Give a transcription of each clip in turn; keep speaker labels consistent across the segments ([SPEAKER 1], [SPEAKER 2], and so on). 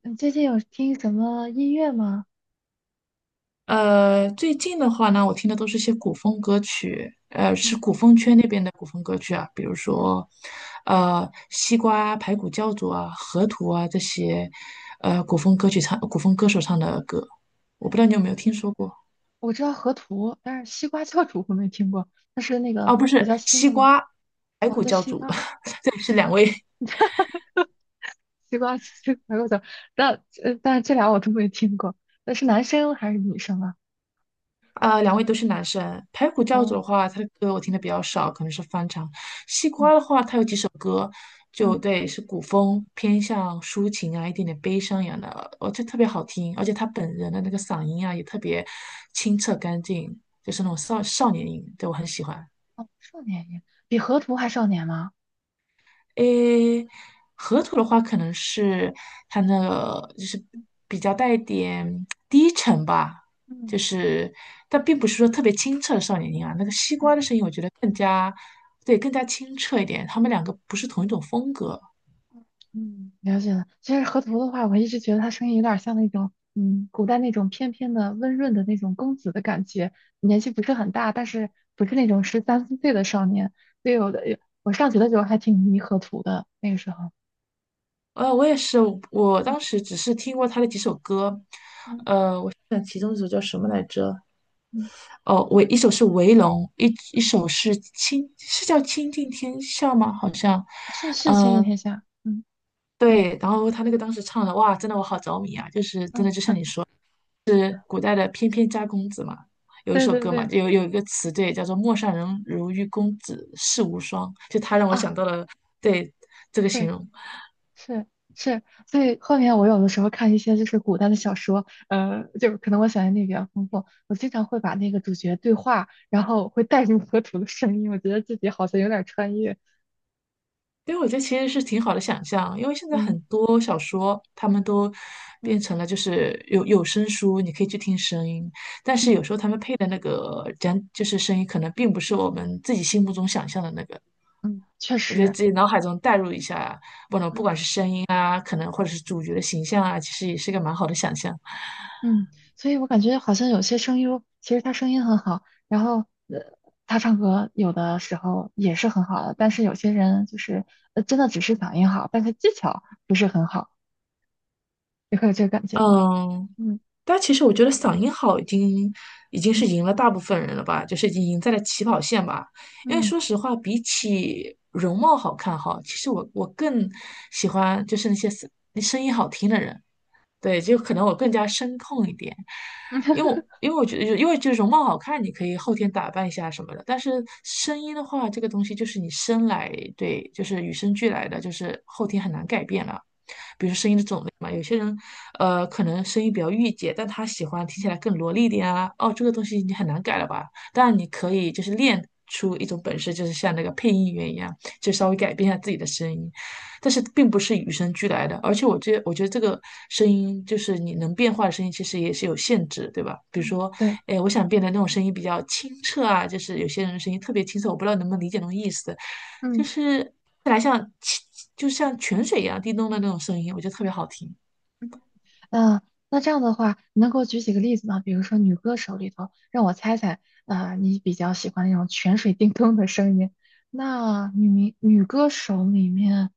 [SPEAKER 1] 你最近有听什么音乐吗？
[SPEAKER 2] 最近的话呢，我听的都是些古风歌曲，是
[SPEAKER 1] 嗯
[SPEAKER 2] 古风圈那边的古风歌曲啊，比如
[SPEAKER 1] 嗯
[SPEAKER 2] 说，西瓜、排骨教主啊、河图啊这些，古风歌手唱的歌，我
[SPEAKER 1] 嗯，
[SPEAKER 2] 不知道你有没有听说过
[SPEAKER 1] 我知道河图，但是西瓜教主我没听过，那是那
[SPEAKER 2] 啊？
[SPEAKER 1] 个
[SPEAKER 2] 不
[SPEAKER 1] 比
[SPEAKER 2] 是
[SPEAKER 1] 较新
[SPEAKER 2] 西
[SPEAKER 1] 的吗？
[SPEAKER 2] 瓜、排
[SPEAKER 1] 哦，
[SPEAKER 2] 骨
[SPEAKER 1] 叫
[SPEAKER 2] 教
[SPEAKER 1] 西
[SPEAKER 2] 主，
[SPEAKER 1] 瓜，
[SPEAKER 2] 这是两位
[SPEAKER 1] 西瓜，西瓜教主但但是这俩我都没听过。那是男生还是女生啊？
[SPEAKER 2] 两位都是男生。排骨教主的
[SPEAKER 1] 哦，
[SPEAKER 2] 话，他的歌我听的比较少，可能是翻唱。西
[SPEAKER 1] 嗯
[SPEAKER 2] 瓜的话，他有几首歌，就
[SPEAKER 1] 嗯，
[SPEAKER 2] 对，是古风，偏向抒情啊，一点点悲伤一样的，而且特别好听。而且他本人的那个嗓音啊，也特别清澈干净，就是那种少年音，对我很喜欢。
[SPEAKER 1] 哦，少年音，比河图还少年吗？
[SPEAKER 2] 诶，河图的话可能是它那个就是比较带一点低沉吧，
[SPEAKER 1] 嗯
[SPEAKER 2] 就是但并不是说特别清澈的少年音啊。那个西
[SPEAKER 1] 嗯
[SPEAKER 2] 瓜的声音，我觉得更加对，更加清澈一点。他们两个不是同一种风格。
[SPEAKER 1] 嗯，了解了。其实河图的话，我一直觉得他声音有点像那种，嗯，古代那种翩翩的、温润的那种公子的感觉，年纪不是很大，但是不是那种十三四岁的少年。对，以我的，我上学的时候还挺迷河图的，那个时候，
[SPEAKER 2] 我也是，我当
[SPEAKER 1] 嗯
[SPEAKER 2] 时只是听过他的几首歌，
[SPEAKER 1] 嗯
[SPEAKER 2] 但其中一首叫什么来着？
[SPEAKER 1] 嗯，
[SPEAKER 2] 哦，我一首是《围龙》，一一
[SPEAKER 1] 嗯，
[SPEAKER 2] 首是《清》，是叫《倾尽天下》吗？好像，
[SPEAKER 1] 是前几
[SPEAKER 2] 嗯、
[SPEAKER 1] 天下，
[SPEAKER 2] 对，然后他那个当时唱的，哇，真的我好着迷啊！就是
[SPEAKER 1] 嗯，
[SPEAKER 2] 真的，就像你说，是古代的翩翩家公子嘛，有一
[SPEAKER 1] 对
[SPEAKER 2] 首
[SPEAKER 1] 对
[SPEAKER 2] 歌嘛，
[SPEAKER 1] 对，
[SPEAKER 2] 有一个词对，叫做"陌上人如玉公子世无双"，就他让我
[SPEAKER 1] 啊，
[SPEAKER 2] 想到了对这个形
[SPEAKER 1] 对。
[SPEAKER 2] 容。
[SPEAKER 1] 是是，所以后面我有的时候看一些就是古代的小说，就是可能我想象力比较丰富，我经常会把那个主角对话，然后会带入河图的声音，我觉得自己好像有点穿越。
[SPEAKER 2] 因为我觉得其实是挺好的想象，因为现在
[SPEAKER 1] 嗯
[SPEAKER 2] 很多小说他们都变
[SPEAKER 1] 嗯
[SPEAKER 2] 成了就是有声书，你可以去听声音，但是有
[SPEAKER 1] 嗯
[SPEAKER 2] 时候他们配的那个讲就是声音，可能并不是我们自己心目中想象的那个。
[SPEAKER 1] 嗯，确
[SPEAKER 2] 我觉得
[SPEAKER 1] 实，
[SPEAKER 2] 自己脑海中代入一下。
[SPEAKER 1] 嗯
[SPEAKER 2] 啊，可能或者是主角的形象啊，其实也是个蛮好的想象。
[SPEAKER 1] 嗯，所以我感觉好像有些声优其实他声音很好，然后呃，他唱歌有的时候也是很好的，但是有些人就是真的只是嗓音好，但是技巧不是很好，你会有这个感觉吗？
[SPEAKER 2] 嗯，
[SPEAKER 1] 嗯
[SPEAKER 2] 但其实我觉得嗓音好已经已经是
[SPEAKER 1] 嗯
[SPEAKER 2] 赢了大部分人了吧，就是已经赢在了起跑线吧。因为
[SPEAKER 1] 嗯。
[SPEAKER 2] 说实话，比起容貌好看哈，其实我更喜欢就是那些声音好听的人。对，就可能我更加声控一点，因为我觉得，因为就容貌好看，你可以后天打扮一下什么的，但是声音的话，这个东西就是你生来，对，就是与生俱来的，就是后天很难改变了。比如说声音的种类嘛，有些人，可能声音比较御姐，但他喜欢听起来更萝莉一点啊。哦，这个东西你很难改了吧？当然你可以就是练出一种本事，就是像那个配音员一样，就稍微改变一下自己的声音。但是并不是与生俱来的，而且我觉得这个声音就是你能变化的声音，其实也是有限制，对吧？比如
[SPEAKER 1] 嗯，
[SPEAKER 2] 说，
[SPEAKER 1] 对，
[SPEAKER 2] 哎，我想变得那种声音比较清澈啊，就是有些人的声音特别清澈，我不知道能不能理解那种意思。
[SPEAKER 1] 嗯
[SPEAKER 2] 看来像清就像泉水一样叮咚的那种声音，我觉得特别好听。
[SPEAKER 1] 嗯，呃，那这样的话，你能给我举几个例子吗？比如说女歌手里头，让我猜猜，啊，你比较喜欢那种泉水叮咚的声音。那女歌手里面，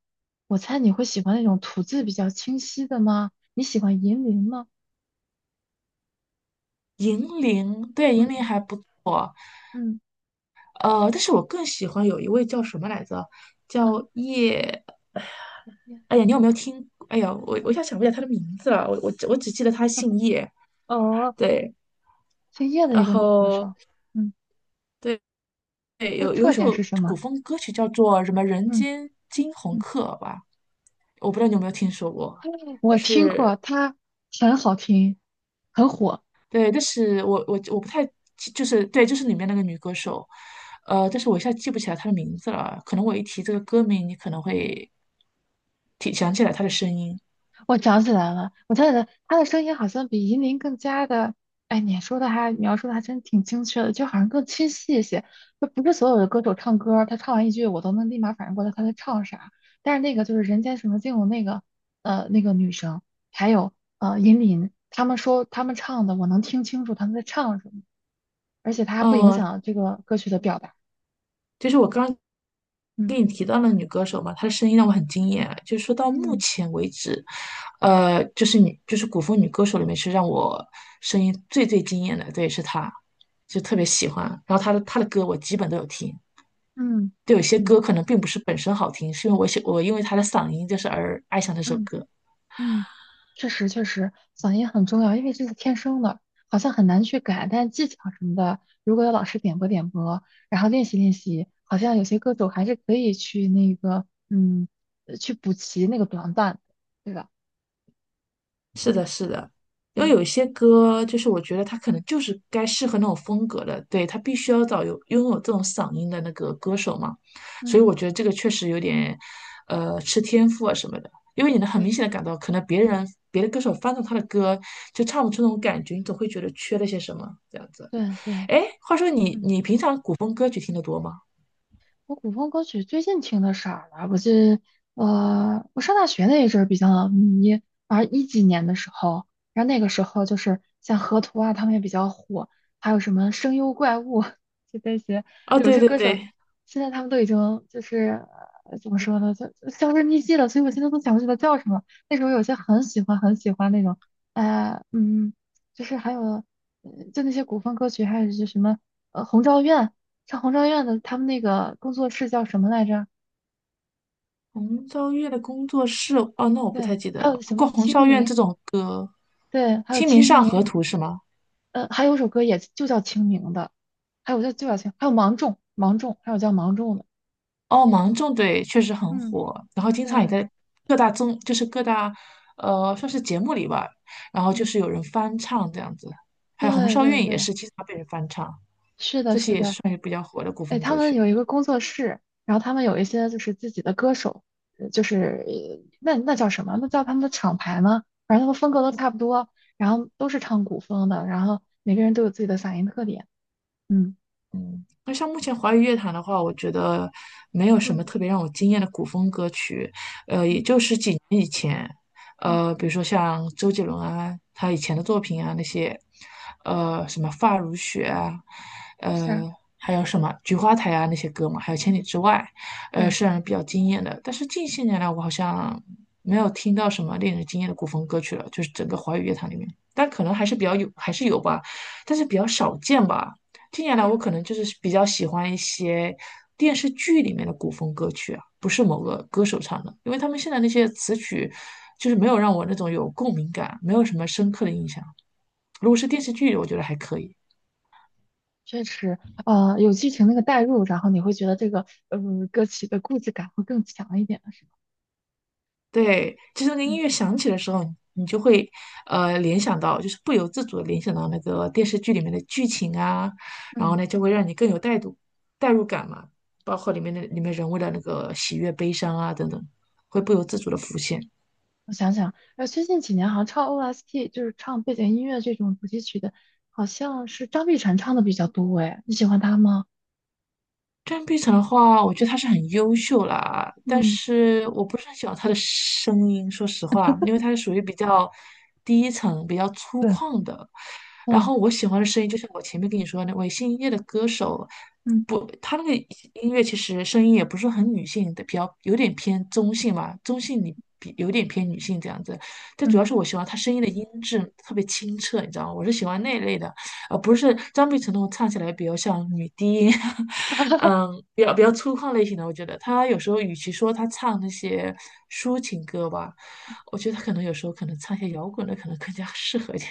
[SPEAKER 1] 我猜你会喜欢那种吐字比较清晰的吗？你喜欢银铃吗？
[SPEAKER 2] 银铃，对，银铃
[SPEAKER 1] 嗯
[SPEAKER 2] 还不错，
[SPEAKER 1] 嗯
[SPEAKER 2] 但是我更喜欢有一位叫什么来着，
[SPEAKER 1] 嗯，
[SPEAKER 2] 叫叶，
[SPEAKER 1] 叶，
[SPEAKER 2] 哎呀，你有没有听？哎呀，我
[SPEAKER 1] 嗯，
[SPEAKER 2] 我一下想不起来他的名字了，我只记得他姓叶，
[SPEAKER 1] 哦，
[SPEAKER 2] 对。
[SPEAKER 1] 姓叶的一
[SPEAKER 2] 然
[SPEAKER 1] 个女歌
[SPEAKER 2] 后
[SPEAKER 1] 手，嗯，
[SPEAKER 2] 对，对，
[SPEAKER 1] 她的
[SPEAKER 2] 有有
[SPEAKER 1] 特
[SPEAKER 2] 一
[SPEAKER 1] 点
[SPEAKER 2] 首
[SPEAKER 1] 是什么？
[SPEAKER 2] 古风歌曲叫做什么《人
[SPEAKER 1] 嗯
[SPEAKER 2] 间惊鸿
[SPEAKER 1] 嗯，
[SPEAKER 2] 客》吧，我不知道你有没有听说过，但
[SPEAKER 1] 我听
[SPEAKER 2] 是
[SPEAKER 1] 过，她很好听，很火。
[SPEAKER 2] 对，但是我不太记就是对，就是里面那个女歌手，但是我一下记不起来她的名字了，可能我一提这个歌名，你可能会想起来她的声音。
[SPEAKER 1] 我想起来了，我想起来，他的声音好像比银临更加的，哎，你说的还描述的还真挺精确的，就好像更清晰一些。就不是所有的歌手唱歌，他唱完一句我都能立马反应过来他在唱啥。但是那个就是《人间什么境》的那个，呃，那个女生，还有银临，他们说他们唱的，我能听清楚他们在唱什么，而且它还不影
[SPEAKER 2] 嗯，
[SPEAKER 1] 响这个歌曲的表达。
[SPEAKER 2] 就是我刚刚
[SPEAKER 1] 嗯
[SPEAKER 2] 跟你提到了女歌手嘛，她的声音让我很惊艳。就是说到目
[SPEAKER 1] 嗯
[SPEAKER 2] 前为止，就是女，就是古风女歌手里面是让我声音最惊艳的，对，是她，就特别喜欢。然后她的歌我基本都有听，
[SPEAKER 1] 嗯
[SPEAKER 2] 就有些
[SPEAKER 1] 嗯
[SPEAKER 2] 歌可能并不是本身好听，是因为我因为她的嗓音就是而爱上这首
[SPEAKER 1] 嗯。
[SPEAKER 2] 歌。
[SPEAKER 1] 嗯，确实，嗓音很重要，因为这是天生的，好像很难去改。但技巧什么的，如果有老师点拨点拨，然后练习练习，好像有些歌手还是可以去那个，去补齐那个短板的，对吧？
[SPEAKER 2] 是
[SPEAKER 1] 嗯，
[SPEAKER 2] 的，是的，因为
[SPEAKER 1] 对，
[SPEAKER 2] 有一些歌，就是我觉得他可能就是该适合那种风格的，对，他必须要找拥有这种嗓音的那个歌手嘛，所以
[SPEAKER 1] 嗯，
[SPEAKER 2] 我觉得这个确实有点，吃天赋啊什么的，因为你能很明
[SPEAKER 1] 对，
[SPEAKER 2] 显的感到，可能别的歌手翻唱他的歌就唱不出那种感觉，你总会觉得缺了些什么这样子。
[SPEAKER 1] 对对，
[SPEAKER 2] 哎，话说你
[SPEAKER 1] 嗯。
[SPEAKER 2] 平常古风歌曲听得多吗？
[SPEAKER 1] 我古风歌曲最近听的少了，我上大学那一阵儿比较迷，反正一几年的时候，然后那个时候就是像河图啊，他们也比较火，还有什么声优怪物，就那些
[SPEAKER 2] 哦，
[SPEAKER 1] 有
[SPEAKER 2] 对
[SPEAKER 1] 些
[SPEAKER 2] 对
[SPEAKER 1] 歌手，
[SPEAKER 2] 对，
[SPEAKER 1] 现在他们都已经就是呃怎么说呢，就就销声匿迹了，所以我现在都想不起来叫什么。那时候有些很喜欢很喜欢那种，呃嗯，就是还有呃就那些古风歌曲，还有就是什么《红昭愿》。像红昭愿的他们那个工作室叫什么来着？
[SPEAKER 2] 红昭愿的工作室，哦，那我不
[SPEAKER 1] 对，
[SPEAKER 2] 太记得
[SPEAKER 1] 还有
[SPEAKER 2] 了。不
[SPEAKER 1] 什么
[SPEAKER 2] 过红
[SPEAKER 1] 清
[SPEAKER 2] 昭愿
[SPEAKER 1] 明？
[SPEAKER 2] 这种歌，呃
[SPEAKER 1] 对，还有
[SPEAKER 2] 《清明
[SPEAKER 1] 清
[SPEAKER 2] 上
[SPEAKER 1] 明，
[SPEAKER 2] 河图》是吗？
[SPEAKER 1] 呃，还有一首歌也就叫清明的，还有叫清，还有芒种，芒种，还有叫芒种的，
[SPEAKER 2] 哦，芒种对，确实很
[SPEAKER 1] 嗯，
[SPEAKER 2] 火，然后经
[SPEAKER 1] 对，
[SPEAKER 2] 常也在各大综，就是各大算是节目里吧，然后就
[SPEAKER 1] 嗯，
[SPEAKER 2] 是有人翻唱这样子。还有红
[SPEAKER 1] 对
[SPEAKER 2] 昭
[SPEAKER 1] 对
[SPEAKER 2] 愿也
[SPEAKER 1] 对，
[SPEAKER 2] 是经常被人翻唱，
[SPEAKER 1] 是的，
[SPEAKER 2] 这些
[SPEAKER 1] 是
[SPEAKER 2] 也是
[SPEAKER 1] 的，
[SPEAKER 2] 算是比较火的古
[SPEAKER 1] 哎，
[SPEAKER 2] 风
[SPEAKER 1] 他
[SPEAKER 2] 歌
[SPEAKER 1] 们
[SPEAKER 2] 曲。
[SPEAKER 1] 有一个工作室，然后他们有一些就是自己的歌手，呃就是呃那那叫什么？那叫他们的厂牌吗？反正他们风格都差不多，然后都是唱古风的，然后每个人都有自己的嗓音特点，嗯
[SPEAKER 2] 那像目前华语乐坛的话，我觉得没有什么
[SPEAKER 1] 嗯。
[SPEAKER 2] 特别让我惊艳的古风歌曲。也
[SPEAKER 1] 嗯。
[SPEAKER 2] 就是几年以前，
[SPEAKER 1] 嗯
[SPEAKER 2] 比如说像周杰伦啊，他以前
[SPEAKER 1] 嗯，
[SPEAKER 2] 的作品啊那些，什么《发如雪》啊，
[SPEAKER 1] 是啊，
[SPEAKER 2] 还有什么《菊花台》啊那些歌嘛，还有《千里之外》，
[SPEAKER 1] 对，
[SPEAKER 2] 是让人比较惊艳的。但是近些年来，我好像没有听到什么令人惊艳的古风歌曲了，就是整个华语乐坛里面，但可能还是比较有，还是有吧，但是比较少见吧。近年来我
[SPEAKER 1] 嗯，
[SPEAKER 2] 可能就是比较喜欢一些电视剧里面的古风歌曲啊，不是某个歌手唱的，因为他们现在那些词曲就是没有让我那种有共鸣感，没有什么深刻的印象。如果是电视剧，我觉得还可以。
[SPEAKER 1] 确实，有剧情那个代入，然后你会觉得这个歌曲的故事感会更强一点，是吧？
[SPEAKER 2] 对，就是那个音
[SPEAKER 1] 嗯
[SPEAKER 2] 乐响起的时候，你就会联想到，就是不由自主的联想到那个电视剧里面的剧情啊，然后
[SPEAKER 1] 嗯，
[SPEAKER 2] 呢就会让你更有代入感嘛，包括里面人物的那个喜悦、悲伤啊等等，会不由自主的浮现。
[SPEAKER 1] 我想想，呃，最近几年好像唱 OST 就是唱背景音乐这种主题曲的，好像是张碧晨唱的比较多，哎，你喜欢他吗？
[SPEAKER 2] 张碧晨的话，我觉得她是很优秀啦，但
[SPEAKER 1] 嗯，
[SPEAKER 2] 是我不是很喜欢她的声音，说实话，因为她是属于比较低沉、比较粗
[SPEAKER 1] 对，
[SPEAKER 2] 犷的。然
[SPEAKER 1] 嗯
[SPEAKER 2] 后我喜欢的声音，就像我前面跟你说的那位姓叶的歌手，
[SPEAKER 1] 嗯
[SPEAKER 2] 不，他那个音乐其实声音也不是很女性的，比较有点偏中性嘛，中性你比有点偏女性这样子。但主
[SPEAKER 1] 嗯，
[SPEAKER 2] 要是我喜欢他声音的音质特别清澈，你知道吗？我是喜欢那一类的。啊，不是张碧晨的，唱起来比较像女低音，嗯，比较粗犷类型的。我觉得她有时候与其说她唱那些抒情歌吧，我觉得她可能有时候可能唱一些摇滚的可能更加适合一点。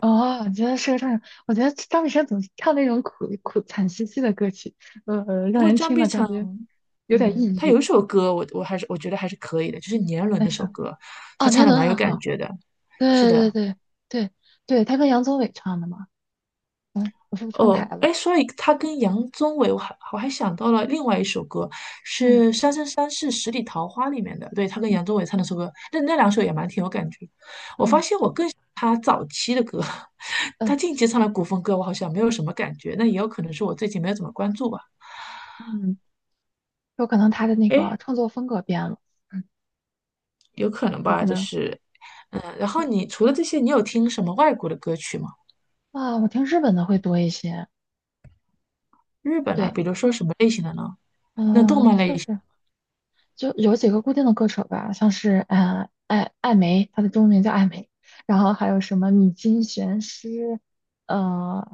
[SPEAKER 1] 哦，你觉得是个唱手，我觉得张碧晨总是唱那种苦苦惨兮兮的歌曲，
[SPEAKER 2] 不
[SPEAKER 1] 让
[SPEAKER 2] 过
[SPEAKER 1] 人
[SPEAKER 2] 张
[SPEAKER 1] 听
[SPEAKER 2] 碧
[SPEAKER 1] 了感
[SPEAKER 2] 晨，
[SPEAKER 1] 觉有点
[SPEAKER 2] 嗯，她
[SPEAKER 1] 抑
[SPEAKER 2] 有一
[SPEAKER 1] 郁，
[SPEAKER 2] 首歌我还是我觉得还是可以的，就是《年轮》
[SPEAKER 1] 但
[SPEAKER 2] 那首
[SPEAKER 1] 是。
[SPEAKER 2] 歌，
[SPEAKER 1] 哦，
[SPEAKER 2] 她唱
[SPEAKER 1] 年
[SPEAKER 2] 的
[SPEAKER 1] 轮
[SPEAKER 2] 蛮有
[SPEAKER 1] 很
[SPEAKER 2] 感
[SPEAKER 1] 好，
[SPEAKER 2] 觉的。是
[SPEAKER 1] 对对
[SPEAKER 2] 的，
[SPEAKER 1] 对对对，他跟杨宗纬唱的嘛。嗯，我是不是串台
[SPEAKER 2] 哦，
[SPEAKER 1] 了？
[SPEAKER 2] 哎，所以他跟杨宗纬，我还想到了另外一首歌，
[SPEAKER 1] 嗯
[SPEAKER 2] 是《三生三世十里桃花》里面的，对，他跟杨宗
[SPEAKER 1] 嗯
[SPEAKER 2] 纬唱那首歌，那两首也蛮挺有感觉。我发
[SPEAKER 1] 嗯
[SPEAKER 2] 现我
[SPEAKER 1] 嗯
[SPEAKER 2] 更喜欢他早期的歌，
[SPEAKER 1] 嗯
[SPEAKER 2] 他近期唱的古风歌我好像没有什么感觉，那也有可能是我最近没有怎么关注吧，
[SPEAKER 1] 嗯，有可能他的那
[SPEAKER 2] 哎，
[SPEAKER 1] 个创作风格变了，嗯，
[SPEAKER 2] 有可能
[SPEAKER 1] 有
[SPEAKER 2] 吧，
[SPEAKER 1] 可
[SPEAKER 2] 就
[SPEAKER 1] 能。
[SPEAKER 2] 是，嗯，然后
[SPEAKER 1] 嗯
[SPEAKER 2] 你除了这些，你有听什么外国的歌曲吗？
[SPEAKER 1] 啊，我听日本的会多一些。
[SPEAKER 2] 日本啊，
[SPEAKER 1] 对，
[SPEAKER 2] 比如说什么类型的呢？那动漫类。
[SPEAKER 1] 算
[SPEAKER 2] 型？
[SPEAKER 1] 是。就有几个固定的歌手吧，像是艾梅，她的中文名叫艾梅，然后还有什么米津玄师，呃，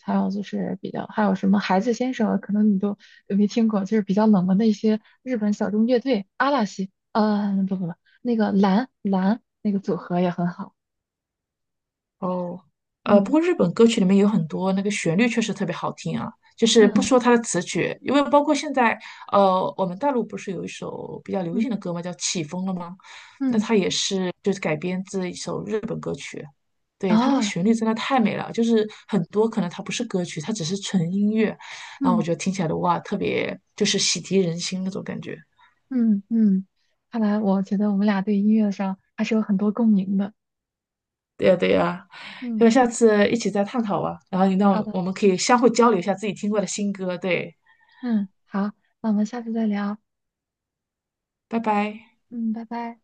[SPEAKER 1] 还有就是比较还有什么孩子先生，可能你都没听过，就是比较冷门的一些日本小众乐队阿拉西，呃，不不不，那个蓝蓝那个组合也很好，
[SPEAKER 2] 哦，不
[SPEAKER 1] 嗯
[SPEAKER 2] 过日本歌曲里面有很多那个旋律确实特别好听啊，就是不
[SPEAKER 1] 嗯
[SPEAKER 2] 说它的词曲，因为包括现在，我们大陆不是有一首比较流
[SPEAKER 1] 嗯
[SPEAKER 2] 行的歌嘛，叫《起风了》吗？那
[SPEAKER 1] 嗯，
[SPEAKER 2] 它也是就是改编自一首日本歌曲，对，它那个
[SPEAKER 1] 啊
[SPEAKER 2] 旋律真的太美了，就是很多可能它不是歌曲，它只是纯音乐，然后我
[SPEAKER 1] 嗯
[SPEAKER 2] 觉得听起来的哇，特别就是洗涤人心那种感觉。
[SPEAKER 1] 嗯嗯，看来我觉得我们俩对音乐上还是有很多共鸣的，
[SPEAKER 2] 对呀，对呀，
[SPEAKER 1] 嗯。
[SPEAKER 2] 要不下次一起再探讨吧，然后你
[SPEAKER 1] 好
[SPEAKER 2] 让
[SPEAKER 1] 的。
[SPEAKER 2] 我们可以相互交流一下自己听过的新歌，对。
[SPEAKER 1] 嗯，好，那我们下次再聊。
[SPEAKER 2] 拜拜。
[SPEAKER 1] 嗯，拜拜。